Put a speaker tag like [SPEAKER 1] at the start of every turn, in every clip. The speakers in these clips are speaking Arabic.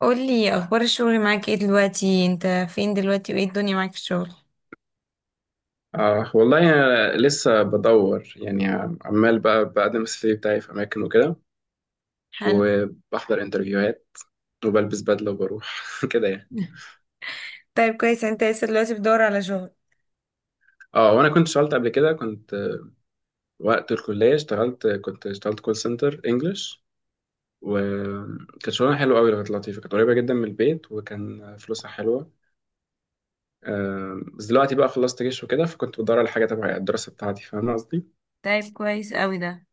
[SPEAKER 1] قولي اخبار الشغل معاك ايه دلوقتي؟ انت فين دلوقتي وايه الدنيا معاك في الشغل؟
[SPEAKER 2] آه والله أنا لسه بدور يعني، عمال بقى بقدم السي في بتاعي في أماكن وكده،
[SPEAKER 1] حلو.
[SPEAKER 2] وبحضر انترفيوهات، وبلبس بدلة وبروح كده يعني.
[SPEAKER 1] طيب كويس، انت لسه دلوقتي بتدور على شغل؟
[SPEAKER 2] اه، وأنا كنت اشتغلت قبل كده، كنت وقت الكلية اشتغلت. كنت اشتغلت كول سنتر انجلش، وكانت شغلانة حلوة أوي، كانت لطيفة، كانت قريبة جدا من البيت، وكان فلوسها حلوة. بس دلوقتي بقى خلصت جيش وكده، فكنت بدور على حاجة تبع الدراسة بتاعتي، فاهم قصدي؟
[SPEAKER 1] طيب كويس قوي ده.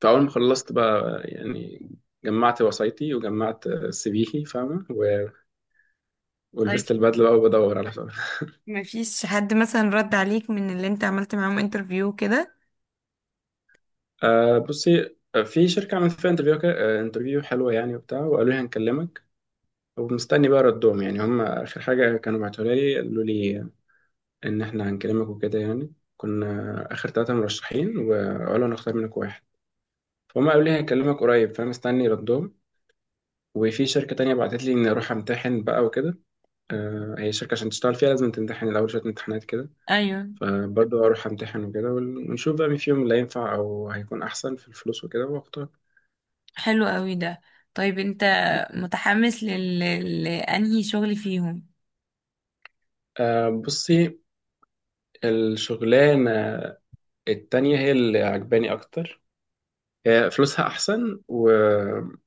[SPEAKER 2] فأول ما خلصت بقى يعني، جمعت وصايتي وجمعت سي فيي، فاهمة، ولبست
[SPEAKER 1] طيب
[SPEAKER 2] البدله بقى وبدور على شغل.
[SPEAKER 1] ما فيش حد مثلا رد عليك من اللي انت عملت معاهم انترفيو كده؟
[SPEAKER 2] آه بصي، في شركه عملت فيها انترفيو كده، انترفيو حلوه يعني وبتاع، وقالوا لي هنكلمك، ومستني بقى ردهم. يعني هم اخر حاجه كانوا بعتوها لي قالوا لي ان احنا هنكلمك وكده، يعني كنا اخر ثلاثه مرشحين، وقالوا هنختار منك واحد. فهم قالوا لي هنكلمك قريب، فانا مستني ردهم. وفي شركه تانية بعتت لي اني اروح امتحن بقى وكده، هي شركه عشان تشتغل فيها لازم تمتحن الاول شويه امتحانات كده.
[SPEAKER 1] ايوه.
[SPEAKER 2] فبرضه اروح امتحن وكده، ونشوف بقى مين فيهم اللي هينفع او هيكون احسن في الفلوس وكده واختار.
[SPEAKER 1] حلو قوي ده. طيب انت متحمس لانهي شغل فيهم؟
[SPEAKER 2] بصي، الشغلانه التانية هي اللي عجباني اكتر، فلوسها احسن وسفر،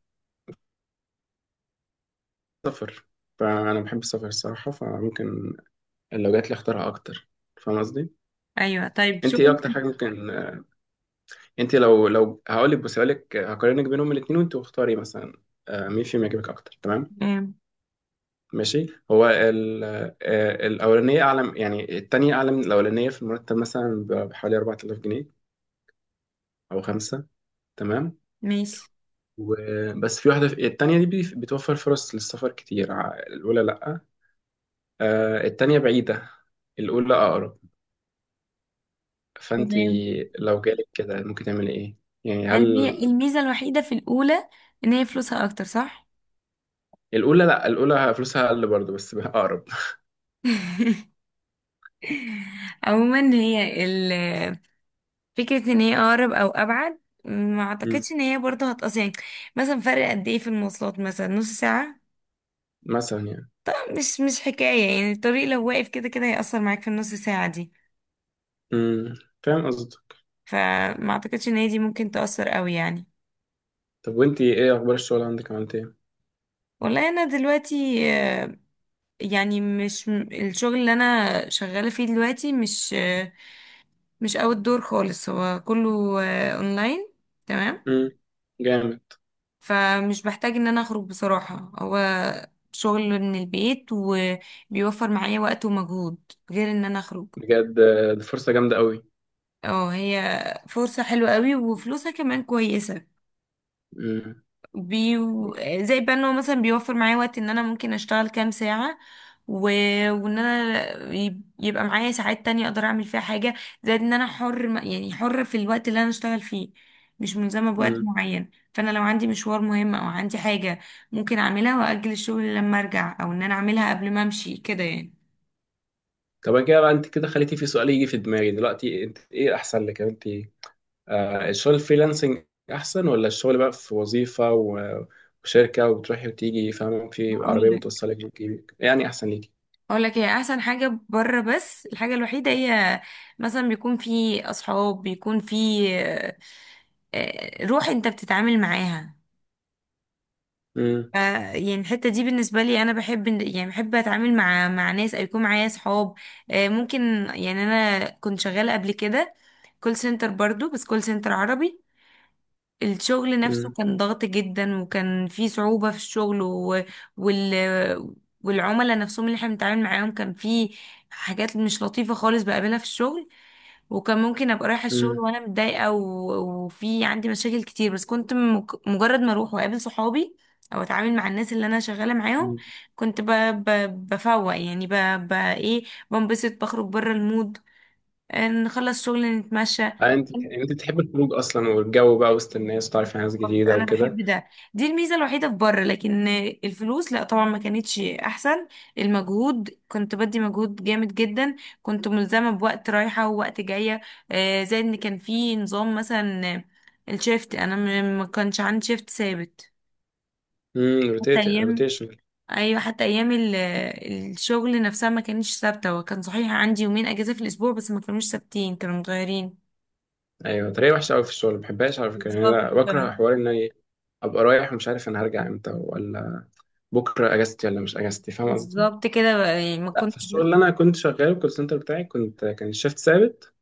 [SPEAKER 2] فانا بحب السفر الصراحه، فممكن لو جات لي اختارها اكتر، فاهم قصدي.
[SPEAKER 1] ايوه. طيب
[SPEAKER 2] انت ايه
[SPEAKER 1] شغل.
[SPEAKER 2] اكتر حاجه ممكن، انت لو هقول لك هقارنك بينهم الاثنين وانت واختاري مثلا، مين فيهم يعجبك اكتر، تمام؟
[SPEAKER 1] تمام.
[SPEAKER 2] ماشي، الأولانية أعلى، يعني التانية أعلى من الأولانية في المرتب مثلا بحوالي 4000 جنيه أو خمسة، تمام.
[SPEAKER 1] ماشي.
[SPEAKER 2] وبس في واحدة، في التانية دي بتوفر فرص للسفر كتير، الأولى لأ، التانية بعيدة، الأولى أقرب. فأنت
[SPEAKER 1] تمام.
[SPEAKER 2] لو جالك كده ممكن تعملي إيه؟ يعني
[SPEAKER 1] يعني
[SPEAKER 2] هل...
[SPEAKER 1] هي الميزة الوحيدة في الاولى ان هي فلوسها اكتر، صح؟
[SPEAKER 2] الأولى لأ، الأولى فلوسها أقل برضه بس بقى أقرب.
[SPEAKER 1] عموما، فكرة ان هي اقرب او ابعد، ما
[SPEAKER 2] مم.
[SPEAKER 1] اعتقدش ان هي برضه هتقص يعني. مثلا فرق قد ايه في المواصلات؟ مثلا نص ساعة.
[SPEAKER 2] مثلا يعني.
[SPEAKER 1] مش حكاية يعني، الطريق لو واقف كده كده هيأثر معاك في النص ساعة دي.
[SPEAKER 2] مم. فاهم قصدك.
[SPEAKER 1] فما اعتقدش ان هي دي ممكن تأثر قوي يعني.
[SPEAKER 2] طب وأنت إيه أخبار الشغل عندك، عملت إيه؟
[SPEAKER 1] والله انا دلوقتي يعني مش م- الشغل اللي انا شغالة فيه دلوقتي مش مش اوت دور خالص، هو كله اونلاين. تمام.
[SPEAKER 2] مم. جامد.
[SPEAKER 1] فمش بحتاج ان انا اخرج بصراحة، هو شغل من البيت، وبيوفر معايا وقت ومجهود غير ان انا اخرج.
[SPEAKER 2] بجد، دي فرصة جامدة قوي.
[SPEAKER 1] اه، هي فرصة حلوة قوي وفلوسها كمان كويسة.
[SPEAKER 2] مم.
[SPEAKER 1] بي زي بقى ان هو مثلا بيوفر معايا وقت ان انا ممكن اشتغل كام ساعة، و... وان انا يبقى معايا ساعات تانية اقدر اعمل فيها حاجة. زائد ان انا حر يعني حر في الوقت اللي انا اشتغل فيه، مش ملزمة بوقت
[SPEAKER 2] مم.
[SPEAKER 1] معين، فانا لو عندي مشوار مهم او عندي حاجة ممكن اعملها واجل الشغل لما ارجع، او ان انا اعملها قبل ما امشي كده يعني.
[SPEAKER 2] طب أنا كده بقى، انت كده خليتي في سؤال يجي في دماغي دلوقتي. انت ايه احسن لك؟ يعني انت، الشغل الفريلانسنج احسن، ولا الشغل بقى في وظيفة وشركة، وبتروحي وتيجي فاهمة، في
[SPEAKER 1] اقول
[SPEAKER 2] عربية
[SPEAKER 1] لك
[SPEAKER 2] بتوصلك وتجيبك، يعني احسن ليكي؟
[SPEAKER 1] اقول لك هي احسن حاجة بره، بس الحاجة الوحيدة هي مثلا بيكون في اصحاب، بيكون في روح انت بتتعامل معاها.
[SPEAKER 2] مم.
[SPEAKER 1] يعني الحتة دي بالنسبة لي، انا بحب يعني بحب اتعامل مع ناس او يكون معايا صحاب. ممكن. يعني انا كنت شغالة قبل كده كول سنتر برضو، بس كول سنتر عربي. الشغل نفسه
[SPEAKER 2] مم.
[SPEAKER 1] كان ضغط جدا، وكان فيه صعوبة في الشغل و... وال والعملاء نفسهم اللي احنا بنتعامل معاهم كان فيه حاجات مش لطيفة خالص بقابلها في الشغل. وكان ممكن ابقى رايحه الشغل
[SPEAKER 2] مم.
[SPEAKER 1] وانا متضايقه وفي عندي مشاكل كتير، بس كنت مجرد ما اروح واقابل صحابي، او اتعامل مع الناس اللي انا شغاله معاهم،
[SPEAKER 2] مم.
[SPEAKER 1] كنت بفوق يعني ايه، بنبسط بخرج بره المود. نخلص شغل، نتمشى.
[SPEAKER 2] آه، انت تحب الخروج اصلا والجو بقى، وسط الناس، وتعرفي ناس
[SPEAKER 1] بالظبط.
[SPEAKER 2] جديدة
[SPEAKER 1] انا
[SPEAKER 2] وكده.
[SPEAKER 1] بحب ده، دي الميزه الوحيده في بره، لكن الفلوس لا، طبعا ما كانتش احسن. المجهود كنت بدي مجهود جامد جدا، كنت ملزمه بوقت رايحه ووقت جايه. زائد ان كان في نظام، مثلا الشيفت انا ما كانش عندي شيفت ثابت،
[SPEAKER 2] امم.
[SPEAKER 1] حتى ايام.
[SPEAKER 2] روتيشن.
[SPEAKER 1] ايوه، حتى ايام الشغل نفسها ما كانتش ثابته، وكان صحيح عندي يومين اجازه في الاسبوع بس ما كانوش ثابتين، كانوا متغيرين.
[SPEAKER 2] ايوه، طريقه وحشه قوي في الشغل، ما بحبهاش على فكره. يعني
[SPEAKER 1] بالظبط.
[SPEAKER 2] انا بكره حوار ان انا ابقى رايح ومش عارف انا هرجع امتى، ولا بكره اجازتي ولا مش اجازتي، فاهم قصدي؟
[SPEAKER 1] بالظبط كده بقى، يعني ما
[SPEAKER 2] لا، في
[SPEAKER 1] كنتش.
[SPEAKER 2] الشغل اللي انا كنت شغاله الكول سنتر بتاعي كان الشيفت ثابت،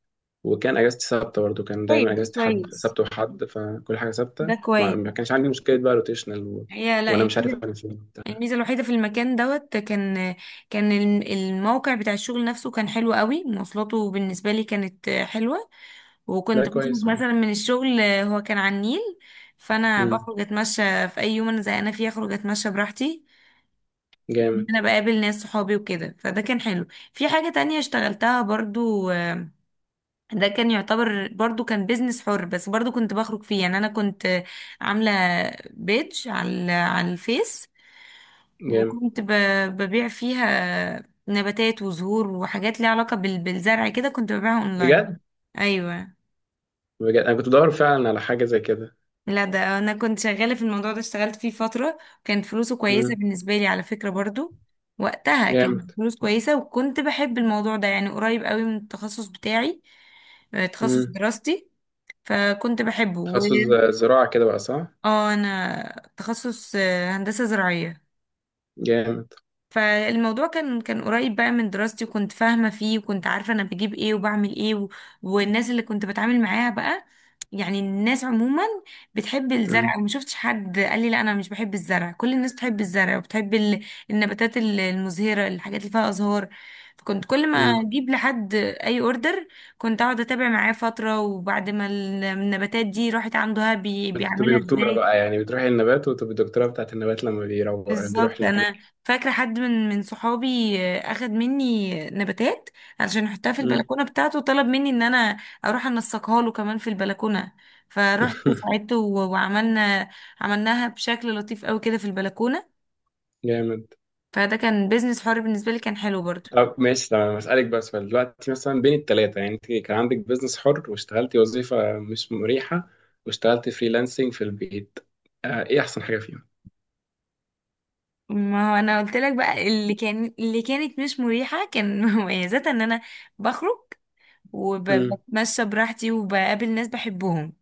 [SPEAKER 2] وكان اجازتي ثابته برضه، كان
[SPEAKER 1] طيب
[SPEAKER 2] دايما
[SPEAKER 1] ده
[SPEAKER 2] اجازتي حد
[SPEAKER 1] كويس،
[SPEAKER 2] سبت وحد، فكل حاجه ثابته،
[SPEAKER 1] ده
[SPEAKER 2] ما
[SPEAKER 1] كويس.
[SPEAKER 2] ما كانش عندي مشكله بقى روتيشنال.
[SPEAKER 1] هي لا،
[SPEAKER 2] وانا مش عارف
[SPEAKER 1] الميزة
[SPEAKER 2] انا فين وبتاع.
[SPEAKER 1] الميزة الوحيدة في المكان دوت كان الموقع بتاع الشغل نفسه كان حلو قوي، مواصلاته بالنسبة لي كانت حلوة.
[SPEAKER 2] ده
[SPEAKER 1] وكنت بخرج
[SPEAKER 2] كويس. ايوه.
[SPEAKER 1] مثلا من الشغل، هو كان على النيل، فأنا
[SPEAKER 2] امم.
[SPEAKER 1] بخرج أتمشى في أي يوم أنا زهقانة فيه، أخرج أتمشى براحتي.
[SPEAKER 2] جامد.
[SPEAKER 1] أنا بقابل ناس صحابي وكده، فده كان حلو. في حاجة تانية اشتغلتها برضو، ده كان يعتبر برضو كان بيزنس حر، بس برضو كنت بخرج فيه، يعني أنا كنت عاملة بيج على الفيس.
[SPEAKER 2] جامد.
[SPEAKER 1] وكنت ببيع فيها نباتات وزهور وحاجات ليها علاقة بالزرع، كده كنت ببيعها اونلاين.
[SPEAKER 2] بجد.
[SPEAKER 1] ايوه.
[SPEAKER 2] بجد، انا كنت بدور فعلا على حاجه زي كده.
[SPEAKER 1] لا، ده انا كنت شغالة في الموضوع ده، اشتغلت فيه فترة. كانت فلوسه كويسة
[SPEAKER 2] امم.
[SPEAKER 1] بالنسبة لي على فكرة برضو، وقتها كانت
[SPEAKER 2] جامد.
[SPEAKER 1] فلوس كويسة، وكنت بحب الموضوع ده، يعني قريب قوي من التخصص بتاعي، تخصص
[SPEAKER 2] امم.
[SPEAKER 1] دراستي، فكنت بحبه، و
[SPEAKER 2] تخصص زراعه كده بقى، صح؟
[SPEAKER 1] اه، انا تخصص هندسة زراعية.
[SPEAKER 2] جامد.
[SPEAKER 1] فالموضوع كان قريب بقى من دراستي، وكنت فاهمة فيه، وكنت عارفة أنا بجيب إيه وبعمل إيه، والناس اللي كنت بتعامل معاها بقى، يعني الناس عموما بتحب
[SPEAKER 2] مم.
[SPEAKER 1] الزرع، وما شفتش حد قال لي لا أنا مش بحب الزرع. كل الناس بتحب الزرع، وبتحب النباتات المزهرة، الحاجات اللي فيها أزهار. فكنت كل ما
[SPEAKER 2] مم.
[SPEAKER 1] أجيب لحد أي أوردر، كنت أقعد أتابع معاه فترة، وبعد ما النباتات دي راحت عنده، ها
[SPEAKER 2] كنت بتبقي
[SPEAKER 1] بيعملها
[SPEAKER 2] دكتورة
[SPEAKER 1] إزاي.
[SPEAKER 2] بقى يعني، بتروحي النبات وتبقي دكتورة بتاعت النبات لما بيروح
[SPEAKER 1] بالظبط.
[SPEAKER 2] المكان.
[SPEAKER 1] انا فاكره حد من صحابي اخد مني نباتات علشان يحطها في
[SPEAKER 2] مم.
[SPEAKER 1] البلكونه بتاعته، وطلب مني ان انا اروح انسقها له كمان في البلكونه. فروحت ساعدته و- وعملنا عملناها بشكل لطيف قوي كده في البلكونه.
[SPEAKER 2] جامد.
[SPEAKER 1] فده كان بيزنس حر بالنسبه لي، كان حلو برضو.
[SPEAKER 2] طب ماشي تمام، هسألك بس سؤال دلوقتي. مثلا بين التلاتة يعني، انت كان عندك بيزنس حر، واشتغلتي وظيفة مش مريحة، واشتغلتي فريلانسنج في البيت، ايه أحسن حاجة فيهم؟
[SPEAKER 1] ما هو انا قلت لك بقى، اللي كانت مش مريحه كان مميزاتها ان انا بخرج،
[SPEAKER 2] مم.
[SPEAKER 1] وبتمشى براحتي، وبقابل ناس بحبهم.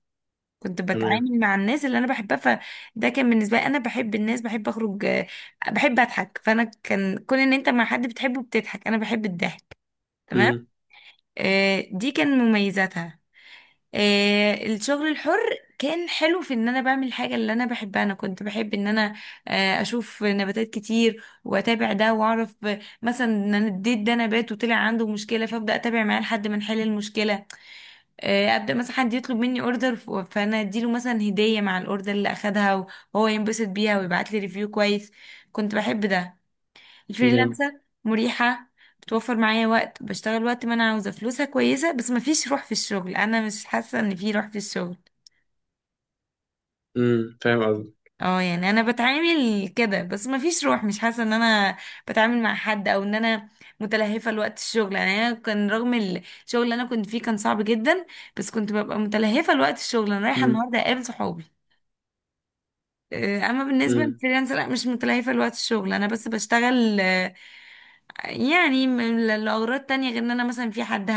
[SPEAKER 1] كنت
[SPEAKER 2] تمام.
[SPEAKER 1] بتعامل مع الناس اللي انا بحبها، فده كان بالنسبه لي، انا بحب الناس، بحب اخرج، بحب اضحك. فانا كان كون ان انت مع حد بتحبه بتضحك، انا بحب الضحك. تمام.
[SPEAKER 2] مم.
[SPEAKER 1] دي كان مميزاتها. الشغل الحر كان حلو في ان انا بعمل الحاجه اللي انا بحبها. انا كنت بحب ان انا اشوف نباتات كتير واتابع ده واعرف، مثلا ان انا اديت ده نبات وطلع عنده مشكله فابدا اتابع معاه لحد ما نحل المشكله. ابدا مثلا حد يطلب مني اوردر، فانا اديله مثلا هديه مع الاوردر اللي اخدها، وهو ينبسط بيها ويبعت لي ريفيو كويس. كنت بحب ده.
[SPEAKER 2] جامد.
[SPEAKER 1] الفريلانسر مريحه، بتوفر معايا وقت، بشتغل وقت ما انا عاوزه، فلوسها كويسه، بس مفيش روح في الشغل، انا مش حاسه ان في روح في الشغل.
[SPEAKER 2] مم. فاهم قصدك.
[SPEAKER 1] اه يعني انا بتعامل كده، بس مفيش روح، مش حاسه ان انا بتعامل مع حد، او ان انا متلهفه لوقت الشغل. يعني انا كان رغم الشغل اللي انا كنت فيه كان صعب جدا، بس كنت ببقى متلهفه لوقت الشغل، انا رايحه
[SPEAKER 2] مم.
[SPEAKER 1] النهارده اقابل صحابي. اما بالنسبه
[SPEAKER 2] مم.
[SPEAKER 1] للفريلانس لا، مش متلهفه لوقت الشغل، انا بس بشتغل يعني لاغراض تانية، غير ان انا مثلا في حد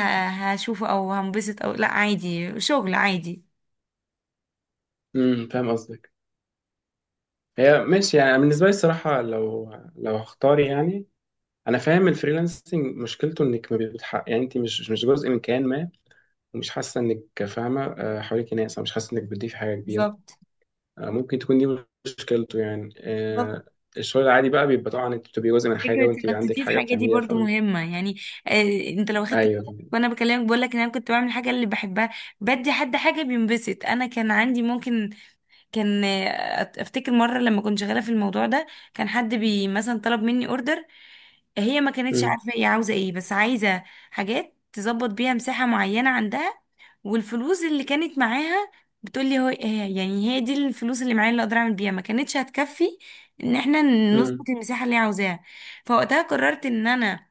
[SPEAKER 1] هشوفه او هنبسط، او لا، عادي شغل عادي.
[SPEAKER 2] مم. فاهم قصدك. هي ماشي يعني، بالنسبة لي الصراحة لو هختار يعني، انا فاهم الفريلانسنج مشكلته انك ما بتحقق، يعني انت مش جزء من كيان ما، ومش حاسه انك فاهمه، حواليك ناس، او مش حاسه انك بتضيفي حاجه كبيره،
[SPEAKER 1] بالظبط.
[SPEAKER 2] ممكن تكون دي مشكلته يعني،
[SPEAKER 1] بالظبط.
[SPEAKER 2] الشغل العادي بقى بيبقى طبعا انت بتبقي جزء من حاجه،
[SPEAKER 1] فكره
[SPEAKER 2] وانت بيبقى
[SPEAKER 1] انك
[SPEAKER 2] عندك
[SPEAKER 1] تضيف
[SPEAKER 2] حاجه
[SPEAKER 1] حاجه دي
[SPEAKER 2] بتعمليها،
[SPEAKER 1] برضو
[SPEAKER 2] فاهم.
[SPEAKER 1] مهمه يعني. انت لو خدت بالك
[SPEAKER 2] ايوه فاهم.
[SPEAKER 1] وانا بكلمك بقول لك ان انا كنت بعمل حاجه اللي بحبها، بدي حد حاجه بينبسط، انا كان عندي ممكن، كان افتكر مره لما كنت شغاله في الموضوع ده، كان حد مثلا طلب مني اوردر. هي ما كانتش
[SPEAKER 2] مم.
[SPEAKER 1] عارفه هي عاوزه ايه، بس عايزه حاجات تظبط بيها مساحه معينه عندها، والفلوس اللي كانت معاها، بتقولي هي يعني هي دي الفلوس اللي معايا اللي اقدر اعمل بيها، ما كانتش هتكفي ان احنا
[SPEAKER 2] مم.
[SPEAKER 1] نظبط المساحه اللي هي عاوزاها. فوقتها قررت ان انا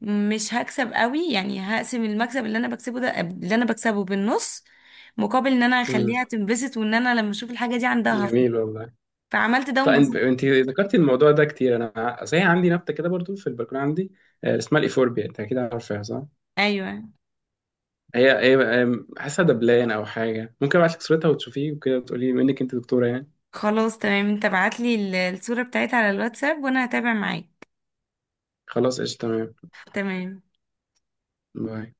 [SPEAKER 1] مش هكسب قوي، يعني هقسم المكسب اللي انا بكسبه ده، اللي انا بكسبه بالنص، مقابل ان انا
[SPEAKER 2] مم.
[SPEAKER 1] اخليها تنبسط، وان انا لما اشوف الحاجه دي عندها هفرح.
[SPEAKER 2] جميل والله.
[SPEAKER 1] فعملت ده
[SPEAKER 2] طيب
[SPEAKER 1] وانبسطت.
[SPEAKER 2] انت ذكرتي الموضوع ده كتير، انا صحيح عندي نبته كده برضو في البلكونه عندي، اسمها الايفوربيا، انت اكيد عارفها صح؟
[SPEAKER 1] ايوه
[SPEAKER 2] هي هي. هي حاسه دبلان او حاجه، ممكن ابعت لك صورتها وتشوفيه وكده وتقولي، منك انت دكتوره يعني.
[SPEAKER 1] خلاص تمام، انت ابعت لي الصوره بتاعتها على الواتساب وانا هتابع معاك.
[SPEAKER 2] خلاص قشطه. تمام.
[SPEAKER 1] تمام.
[SPEAKER 2] باي.